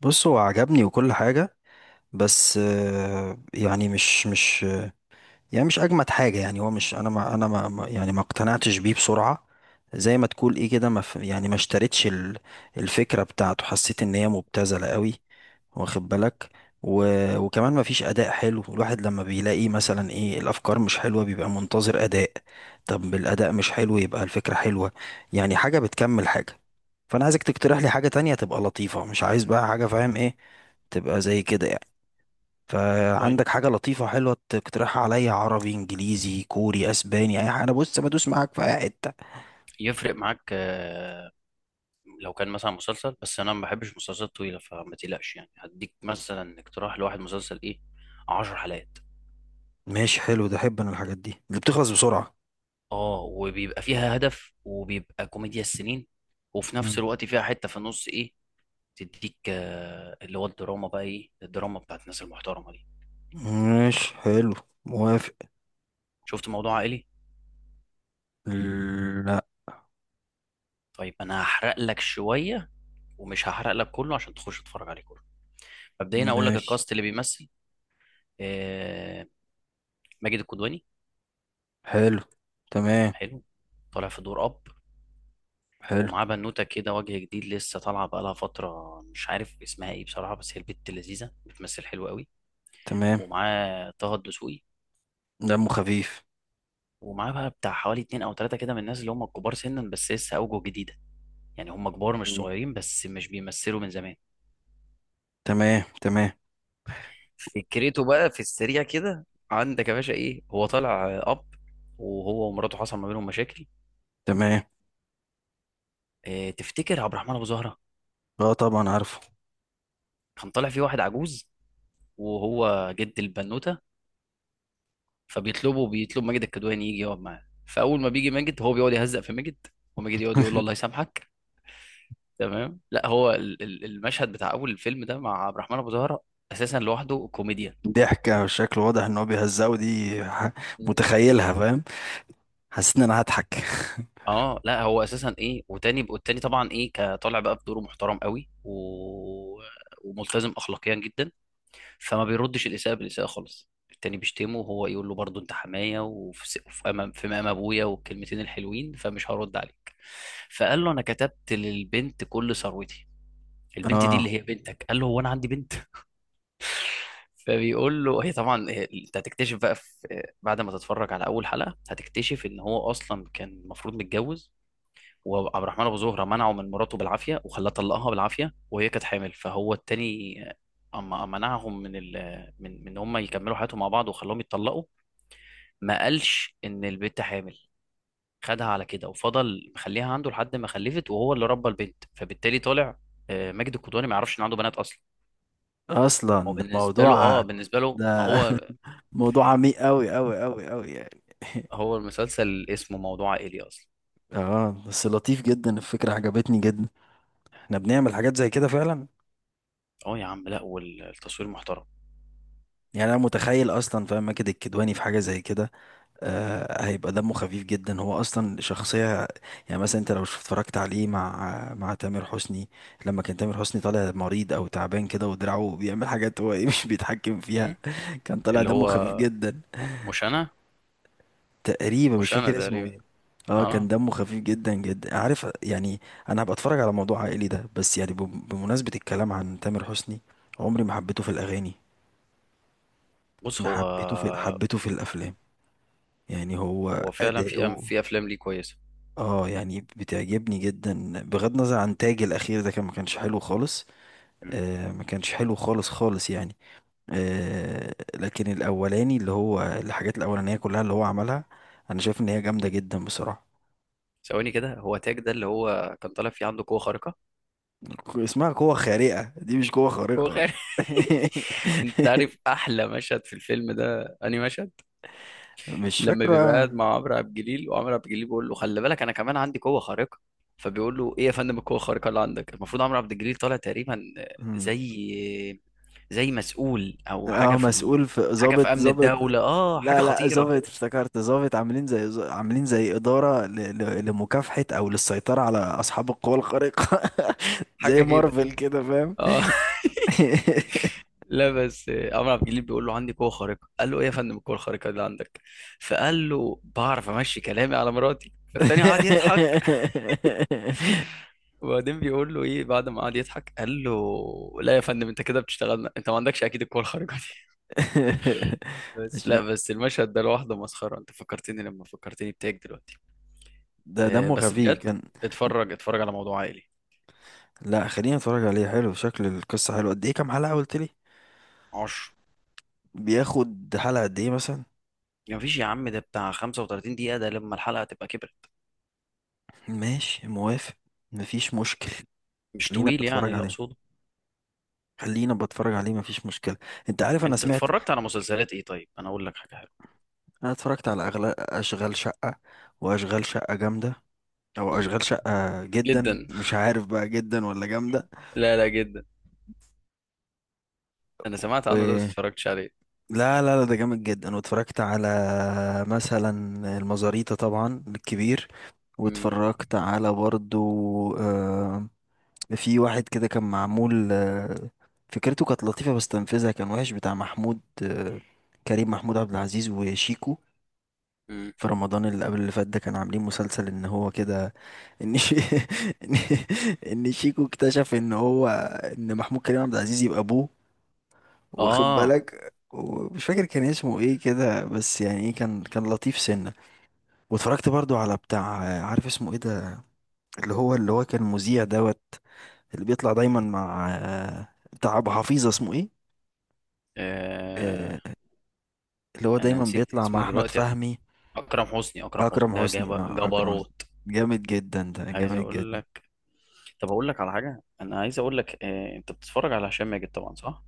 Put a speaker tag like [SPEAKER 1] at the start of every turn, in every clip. [SPEAKER 1] بص هو عجبني وكل حاجة. بس يعني مش يعني مش اجمد حاجه. يعني هو مش انا ما انا ما ما- يعني ما اقتنعتش بيه بسرعه. زي ما تقول ايه كده، ما ف- يعني ما اشتريتش الفكره بتاعته. حسيت ان هي مبتذله قوي، واخد بالك؟ و... وكمان ما فيش اداء حلو. الواحد لما بيلاقي مثلا ايه الافكار مش حلوه، بيبقى منتظر اداء. طب الاداء مش حلو، يبقى الفكره حلوه. يعني حاجه بتكمل حاجه. فانا عايزك تقترح لي حاجه تانية تبقى لطيفه، مش عايز بقى حاجه، فاهم ايه؟ تبقى زي كده يعني.
[SPEAKER 2] طيب،
[SPEAKER 1] فعندك حاجة لطيفة وحلوة تقترحها عليا؟ عربي، إنجليزي، كوري، أسباني، أي حاجة. أنا بص، بدوس معاك في أي حتة.
[SPEAKER 2] يفرق معاك؟ لو كان مثلا مسلسل، بس انا ما بحبش مسلسلات طويله، فما تقلقش، يعني هديك مثلا اقتراح لواحد مسلسل ايه، عشر حلقات.
[SPEAKER 1] ماشي، حلو ده. أحب أنا الحاجات دي اللي بتخلص بسرعة.
[SPEAKER 2] اه، وبيبقى فيها هدف، وبيبقى كوميديا السنين، وفي نفس
[SPEAKER 1] مم.
[SPEAKER 2] الوقت فيها حته في النص ايه تديك، اللي هو الدراما بقى، ايه الدراما بتاعت الناس المحترمه دي.
[SPEAKER 1] ماشي، حلو. موافق.
[SPEAKER 2] شفت موضوع عائلي؟
[SPEAKER 1] لا.
[SPEAKER 2] طيب، انا هحرق لك شويه ومش هحرق لك كله عشان تخش تتفرج عليه كله. مبدئيا اقول لك
[SPEAKER 1] ماشي،
[SPEAKER 2] الكاست اللي بيمثل، آه، ماجد الكدواني.
[SPEAKER 1] حلو. تمام.
[SPEAKER 2] حلو، طالع في دور اب،
[SPEAKER 1] حلو.
[SPEAKER 2] ومعاه بنوته كده وجه جديد لسه طالعه بقالها فتره، مش عارف اسمها ايه بصراحه، بس هي البت لذيذه بتمثل حلو قوي.
[SPEAKER 1] تمام.
[SPEAKER 2] ومعاه طه الدسوقي،
[SPEAKER 1] دمه خفيف.
[SPEAKER 2] ومعاه بقى بتاع حوالي اتنين او تلاته كده من الناس اللي هم الكبار سنا بس لسه اوجه جديده، يعني هم كبار مش
[SPEAKER 1] مم.
[SPEAKER 2] صغيرين بس مش بيمثلوا من زمان.
[SPEAKER 1] تمام، تمام،
[SPEAKER 2] فكرته بقى في السريع كده، عندك يا باشا، ايه هو طالع اب، وهو ومراته حصل ما بينهم مشاكل.
[SPEAKER 1] تمام.
[SPEAKER 2] اه، تفتكر عبد الرحمن ابو زهره؟
[SPEAKER 1] اه طبعا عارفه.
[SPEAKER 2] كان طالع فيه واحد عجوز، وهو جد البنوته، فبيطلبه بيطلب ماجد الكدواني يجي يقعد معاه. فاول ما بيجي ماجد، هو بيقعد يهزق في ماجد، وماجد يقعد يقول له الله يسامحك. تمام، لا هو المشهد بتاع اول الفيلم ده مع عبد الرحمن ابو زهره اساسا لوحده كوميديا.
[SPEAKER 1] ضحكة، والشكل واضح ان هو بيهزقه دي،
[SPEAKER 2] مم.
[SPEAKER 1] متخيلها، فاهم. حسيت ان انا هضحك.
[SPEAKER 2] اه لا، هو اساسا ايه وتاني، والتاني طبعا ايه، كطالع بقى بدوره محترم قوي، وملتزم اخلاقيا جدا، فما بيردش الاساءه بالاساءه خالص. التاني بيشتمه وهو يقول له برضه، انت حمايه، وفي وفي امام، في مقام ابويا، والكلمتين الحلوين، فمش هرد عليك. فقال له، انا كتبت للبنت كل ثروتي، البنت دي
[SPEAKER 1] اه
[SPEAKER 2] اللي هي بنتك. قال له، هو انا عندي بنت؟ فبيقول له هي، طبعا انت هتكتشف بقى في، بعد ما تتفرج على اول حلقه، هتكتشف ان هو اصلا كان المفروض متجوز، وعبد الرحمن ابو زهره منعه من مراته بالعافيه وخلاه طلقها بالعافيه وهي كانت حامل. فهو التاني اما منعهم من هم يكملوا حياتهم مع بعض وخلاهم يتطلقوا، ما قالش ان البنت حامل، خدها على كده وفضل مخليها عنده لحد ما خلفت، وهو اللي ربى البنت. فبالتالي طالع ماجد الكدواني ما يعرفش ان عنده بنات اصلا. هو
[SPEAKER 1] اصلا ده
[SPEAKER 2] بالنسبه له
[SPEAKER 1] موضوع،
[SPEAKER 2] اه بالنسبه له ما
[SPEAKER 1] ده
[SPEAKER 2] هو،
[SPEAKER 1] موضوع عميق قوي قوي قوي قوي يعني.
[SPEAKER 2] هو المسلسل اسمه موضوع عائلي اصلا.
[SPEAKER 1] اه بس لطيف جدا، الفكره عجبتني جدا. احنا بنعمل حاجات زي كده فعلا.
[SPEAKER 2] اه يا عم، لا والتصوير محترم.
[SPEAKER 1] يعني انا متخيل اصلا، فاهم، ماجد الكدواني في حاجه زي كده. آه هيبقى دمه خفيف جدا، هو اصلا شخصيه. يعني مثلا انت لو اتفرجت عليه مع تامر حسني، لما كان تامر حسني طالع مريض او تعبان كده، ودراعه بيعمل حاجات هو ايه مش بيتحكم
[SPEAKER 2] مهم.
[SPEAKER 1] فيها. كان طالع
[SPEAKER 2] اللي
[SPEAKER 1] دمه
[SPEAKER 2] هو،
[SPEAKER 1] خفيف جدا.
[SPEAKER 2] م- مش انا
[SPEAKER 1] تقريبا مش
[SPEAKER 2] مش انا
[SPEAKER 1] فاكر اسمه
[SPEAKER 2] تقريبا.
[SPEAKER 1] ايه. اه
[SPEAKER 2] اه،
[SPEAKER 1] كان دمه خفيف جدا جدا، عارف يعني. انا هبقى اتفرج على موضوع عائلي ده. بس يعني، بمناسبة الكلام عن تامر حسني، عمري ما حبيته في الاغاني.
[SPEAKER 2] بص،
[SPEAKER 1] انا
[SPEAKER 2] هو
[SPEAKER 1] حبيته في الافلام. يعني هو
[SPEAKER 2] فعلا
[SPEAKER 1] اداؤه
[SPEAKER 2] في افلام ليه كويسه.
[SPEAKER 1] اه يعني بتعجبني جدا، بغض النظر عن تاج الاخير ده، ما كانش حلو خالص.
[SPEAKER 2] مم.
[SPEAKER 1] آه ما كانش حلو خالص خالص يعني. آه لكن الاولاني اللي هو الحاجات الاولانية كلها اللي هو عملها، انا شايف ان هي جامدة جدا بصراحة.
[SPEAKER 2] ثواني كده، هو تاج ده اللي هو كان طالع فيه عنده قوه خارقه،
[SPEAKER 1] اسمها قوة خارقة، دي مش قوة
[SPEAKER 2] قوه
[SPEAKER 1] خارقة.
[SPEAKER 2] خارقه. انت عارف احلى مشهد في الفيلم ده انهي مشهد؟
[SPEAKER 1] مش
[SPEAKER 2] لما بيبقى
[SPEAKER 1] فاكرة.
[SPEAKER 2] قاعد مع عمرو عبد الجليل، وعمرو عبد الجليل بيقول له خلي بالك، انا كمان عندي قوه خارقه، فبيقول له ايه يا فندم القوه الخارقه اللي عندك؟ المفروض عمرو عبد الجليل طالع تقريبا
[SPEAKER 1] مم.
[SPEAKER 2] زي، مسؤول او حاجه
[SPEAKER 1] اه مسؤول في
[SPEAKER 2] حاجه في
[SPEAKER 1] ضابط
[SPEAKER 2] امن
[SPEAKER 1] ضابط
[SPEAKER 2] الدوله، اه حاجه
[SPEAKER 1] لا لا،
[SPEAKER 2] خطيره
[SPEAKER 1] ضابط
[SPEAKER 2] كده،
[SPEAKER 1] افتكرت، ضابط. عاملين زي، عاملين زي إدارة لمكافحة أو للسيطرة على أصحاب القوى الخارقة. زي
[SPEAKER 2] حاجه كده.
[SPEAKER 1] مارفل كده، فاهم.
[SPEAKER 2] اه. لا بس، عمرو عبد الجليل بيقول له عندي قوه خارقه، قال له ايه يا فندم القوه الخارقه اللي عندك؟ فقال له بعرف امشي كلامي على مراتي، فالتاني قعد يضحك. وبعدين بيقول له ايه بعد ما قعد يضحك، قال له لا يا فندم انت كده بتشتغلنا، انت ما عندكش اكيد القوه الخارقه دي. بس
[SPEAKER 1] عشان
[SPEAKER 2] لا، بس المشهد ده لوحده مسخره، انت فكرتني لما فكرتني بتاعك دلوقتي.
[SPEAKER 1] ده دمه
[SPEAKER 2] بس
[SPEAKER 1] خفيف
[SPEAKER 2] بجد،
[SPEAKER 1] كان.
[SPEAKER 2] اتفرج اتفرج على موضوع عائلي.
[SPEAKER 1] لا، خليني اتفرج عليه. حلو شكل القصة. حلو. قد ايه؟ كام حلقة قلت لي؟
[SPEAKER 2] عشر.
[SPEAKER 1] بياخد حلقة قد ايه مثلا؟
[SPEAKER 2] ما فيش يا عم، ده بتاع 35 دقيقه، ده لما الحلقه تبقى كبرت،
[SPEAKER 1] ماشي، موافق. مفيش مشكل.
[SPEAKER 2] مش
[SPEAKER 1] خلينا
[SPEAKER 2] طويل يعني
[SPEAKER 1] بتفرج
[SPEAKER 2] اللي
[SPEAKER 1] عليه.
[SPEAKER 2] اقصده.
[SPEAKER 1] خلينا بتفرج عليه، مفيش مشكلة. انت عارف انا
[SPEAKER 2] انت
[SPEAKER 1] سمعت.
[SPEAKER 2] اتفرجت على مسلسلات ايه؟ طيب انا اقول لك حاجه.
[SPEAKER 1] انا اتفرجت على أغلى اشغال شقة. واشغال شقة جامدة. او
[SPEAKER 2] مم.
[SPEAKER 1] اشغال شقة جدا،
[SPEAKER 2] جدا.
[SPEAKER 1] مش عارف بقى جدا ولا جامدة.
[SPEAKER 2] لا لا، جدا. انا سمعت عنه ده بس
[SPEAKER 1] و...
[SPEAKER 2] اتفرجتش عليه.
[SPEAKER 1] لا لا لا، ده جامد جدا. واتفرجت على مثلا المزاريطة، طبعا الكبير.
[SPEAKER 2] مم.
[SPEAKER 1] واتفرجت على برضو، آه، في واحد كده كان معمول، فكرته كانت لطيفة بس تنفيذها كان وحش، بتاع محمود، كريم محمود عبد العزيز وشيكو.
[SPEAKER 2] مم.
[SPEAKER 1] في رمضان اللي قبل اللي فات ده، كانوا عاملين مسلسل ان هو كده، ان شي... ان إن شيكو اكتشف ان هو ان محمود كريم عبد العزيز يبقى ابوه، واخد
[SPEAKER 2] آه.
[SPEAKER 1] بالك. ومش فاكر كان اسمه ايه كده، بس يعني ايه كان لطيف سنة. واتفرجت برضو على بتاع، عارف اسمه ايه ده، اللي هو كان مذيع دوت، اللي بيطلع دايما مع، بتاع ابو حفيظه اسمه ايه،
[SPEAKER 2] اه،
[SPEAKER 1] آه، اللي هو
[SPEAKER 2] انا
[SPEAKER 1] دايما
[SPEAKER 2] نسيت
[SPEAKER 1] بيطلع مع
[SPEAKER 2] اسمه
[SPEAKER 1] احمد
[SPEAKER 2] دلوقتي.
[SPEAKER 1] فهمي.
[SPEAKER 2] اكرم حسني، اكرم حسني
[SPEAKER 1] اكرم
[SPEAKER 2] ده
[SPEAKER 1] حسني، اه اكرم حسني.
[SPEAKER 2] جبروت.
[SPEAKER 1] جامد جدا، ده
[SPEAKER 2] عايز
[SPEAKER 1] جامد
[SPEAKER 2] اقول
[SPEAKER 1] جدا.
[SPEAKER 2] لك، طب اقول لك على حاجه، انا عايز اقول لك. انت بتتفرج على هشام ماجد طبعا صح؟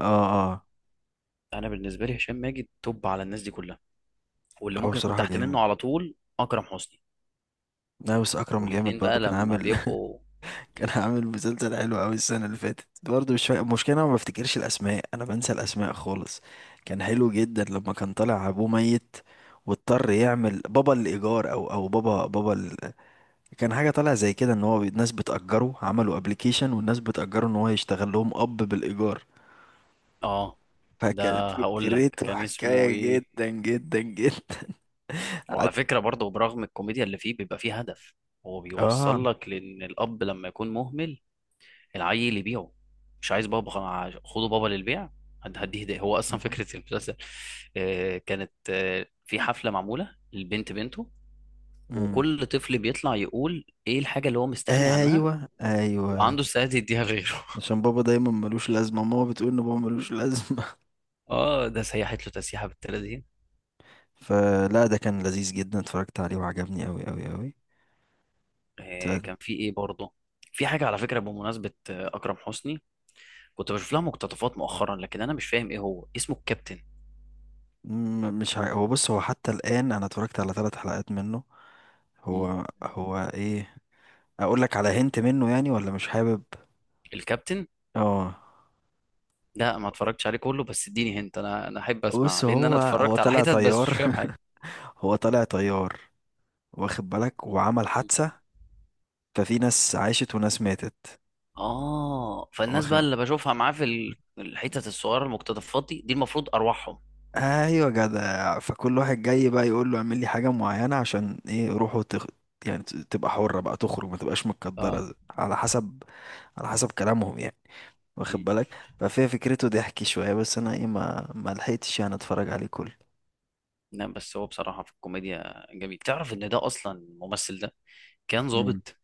[SPEAKER 1] اه اه.
[SPEAKER 2] انا بالنسبه لي هشام ماجد توب على الناس دي كلها، واللي
[SPEAKER 1] هو
[SPEAKER 2] ممكن يكون
[SPEAKER 1] بصراحه
[SPEAKER 2] تحت
[SPEAKER 1] جامد.
[SPEAKER 2] منه على طول اكرم حسني.
[SPEAKER 1] لا بس اكرم جامد
[SPEAKER 2] والاتنين
[SPEAKER 1] برضو،
[SPEAKER 2] بقى
[SPEAKER 1] كان
[SPEAKER 2] لما
[SPEAKER 1] عامل
[SPEAKER 2] بيبقوا،
[SPEAKER 1] كان عامل مسلسل حلو قوي السنه اللي فاتت برضو، مش فا... المشكله انا ما بفتكرش الاسماء، انا بنسى الاسماء خالص. كان حلو جدا لما كان طالع ابوه ميت، واضطر يعمل بابا الايجار، او بابا كان حاجة طالعة زي كده ان هو ناس بتأجره عملوا ابلكيشن، والناس بتأجره ان هو يشتغل لهم اب بالإيجار.
[SPEAKER 2] اه،
[SPEAKER 1] فكانت
[SPEAKER 2] ده هقول لك
[SPEAKER 1] فكرته
[SPEAKER 2] كان اسمه
[SPEAKER 1] حكاية
[SPEAKER 2] ايه.
[SPEAKER 1] جدا جدا جدا.
[SPEAKER 2] وعلى
[SPEAKER 1] قعدت-
[SPEAKER 2] فكرة برضه، برغم الكوميديا اللي فيه بيبقى فيه هدف، هو بيوصل
[SPEAKER 1] اه.
[SPEAKER 2] لك لأن الأب لما يكون مهمل العيل يبيعه، مش عايز بابا خلاص، خده بابا للبيع. هديه ده هو أصلا
[SPEAKER 1] مم.
[SPEAKER 2] فكرة المسلسل. كانت في حفلة معمولة للبنت بنته،
[SPEAKER 1] مم.
[SPEAKER 2] وكل طفل بيطلع يقول إيه الحاجة اللي هو مستغني عنها
[SPEAKER 1] ايوه، ايوه.
[SPEAKER 2] وعنده استعداد يديها لغيره.
[SPEAKER 1] عشان بابا دايما ملوش لازمة، ماما بتقول ان بابا ملوش لازمة.
[SPEAKER 2] آه، ده سيحت له تسيحة بالتلاتين.
[SPEAKER 1] فلا ده كان لذيذ جدا، اتفرجت عليه وعجبني اوي اوي اوي. ت-
[SPEAKER 2] كان في إيه برضه، في حاجة على فكرة بمناسبة أكرم حسني، كنت بشوف لها مقتطفات مؤخرا، لكن انا مش فاهم ايه هو اسمه الكابتن.
[SPEAKER 1] مش ع... هو بص، هو حتى الآن انا اتفرجت على 3 حلقات منه.
[SPEAKER 2] مم.
[SPEAKER 1] هو ايه، اقول لك على هنت منه يعني ولا مش حابب؟
[SPEAKER 2] الكابتن.
[SPEAKER 1] اه
[SPEAKER 2] لا ما اتفرجتش عليه كله، بس اديني هنت، انا انا احب اسمع،
[SPEAKER 1] بص،
[SPEAKER 2] لان انا
[SPEAKER 1] هو
[SPEAKER 2] اتفرجت على
[SPEAKER 1] طلع
[SPEAKER 2] حتت بس مش
[SPEAKER 1] طيار.
[SPEAKER 2] فاهم حاجه.
[SPEAKER 1] هو طلع طيار، واخد بالك، وعمل
[SPEAKER 2] مم.
[SPEAKER 1] حادثة. ففي ناس عاشت وناس ماتت.
[SPEAKER 2] اه، فالناس بقى
[SPEAKER 1] واخد.
[SPEAKER 2] اللي بشوفها معاه في الحتت الصغيره المقتطفات دي، المفروض ارواحهم.
[SPEAKER 1] ايوه، جدع. فكل واحد جاي بقى يقول له اعمل لي حاجة معينة عشان ايه روحه يعني تبقى حرة بقى، تخرج، ما تبقاش
[SPEAKER 2] اه.
[SPEAKER 1] متقدرة، على حسب، على حسب كلامهم يعني، واخد
[SPEAKER 2] مم.
[SPEAKER 1] بالك. ففي فكرته ضحك شوية، بس انا ايه ما لحقتش يعني اتفرج عليه كله.
[SPEAKER 2] لا بس، هو بصراحه في الكوميديا جميل. تعرف ان ده اصلا الممثل ده كان
[SPEAKER 1] مم.
[SPEAKER 2] ضابط؟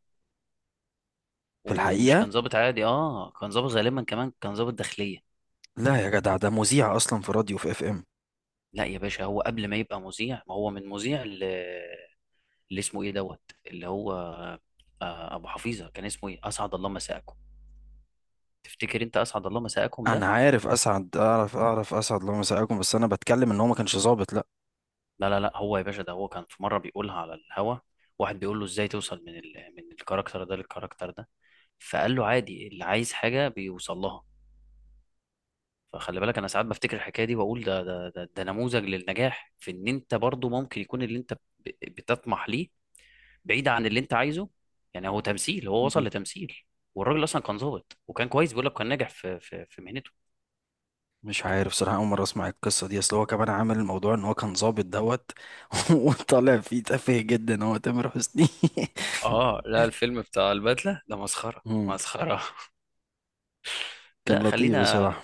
[SPEAKER 1] في
[SPEAKER 2] ومش
[SPEAKER 1] الحقيقة،
[SPEAKER 2] كان ضابط عادي، اه كان ضابط غالبا كمان كان ضابط داخليه.
[SPEAKER 1] لا يا جدع، ده مذيع اصلا في راديو في FM.
[SPEAKER 2] لا يا باشا، هو قبل ما يبقى مذيع، ما هو من مذيع، اللي اسمه ايه دوت، اللي هو ابو حفيظه، كان اسمه ايه، اسعد الله مساءكم. تفتكر انت اسعد الله مساءكم
[SPEAKER 1] انا
[SPEAKER 2] ده؟
[SPEAKER 1] عارف اسعد، اعرف اسعد الله مساءكم، بس انا بتكلم ان هو ما كانش ظابط، لا.
[SPEAKER 2] لا لا لا، هو يا باشا ده هو كان في مره بيقولها على الهوا، واحد بيقول له ازاي توصل من الكاركتر ده للكاركتر ده، فقال له عادي، اللي عايز حاجه بيوصل لها. فخلي بالك، انا ساعات بفتكر الحكايه دي واقول ده, نموذج للنجاح في ان انت برضو ممكن يكون اللي انت بتطمح ليه بعيد عن اللي انت عايزه. يعني هو تمثيل، هو وصل
[SPEAKER 1] م-
[SPEAKER 2] لتمثيل، والراجل اصلا كان ظابط وكان كويس، بيقول لك كان ناجح في مهنته.
[SPEAKER 1] مش عارف صراحه، اول مره اسمع القصه دي. اصل هو كمان عامل الموضوع ان هو كان ظابط دوت. وطالع فيه تافه جدا هو، تامر حسني.
[SPEAKER 2] اه لا، الفيلم بتاع البدلة ده مسخرة
[SPEAKER 1] مم.
[SPEAKER 2] مسخرة.
[SPEAKER 1] كان
[SPEAKER 2] لا
[SPEAKER 1] لطيف
[SPEAKER 2] خلينا،
[SPEAKER 1] بصراحه.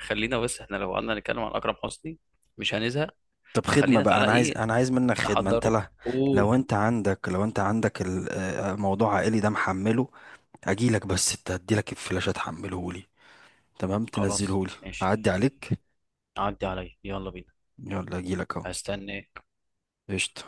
[SPEAKER 2] خلينا بس، احنا لو قعدنا نتكلم عن أكرم حسني مش هنزهق.
[SPEAKER 1] طب خدمه
[SPEAKER 2] فخلينا
[SPEAKER 1] بقى،
[SPEAKER 2] تعالى
[SPEAKER 1] انا عايز،
[SPEAKER 2] ايه،
[SPEAKER 1] منك خدمه، انت
[SPEAKER 2] نحضره.
[SPEAKER 1] لا، لو
[SPEAKER 2] قول.
[SPEAKER 1] انت عندك، موضوع عائلي ده محمله، اجيلك. بس انت هديلك الفلاشه تحمله لي، تمام،
[SPEAKER 2] خلاص
[SPEAKER 1] تنزله لي.
[SPEAKER 2] ماشي.
[SPEAKER 1] اعدي عليك.
[SPEAKER 2] عدي عليا يلا بينا.
[SPEAKER 1] يلا اجيلك اهو.
[SPEAKER 2] هستنى
[SPEAKER 1] قشطه.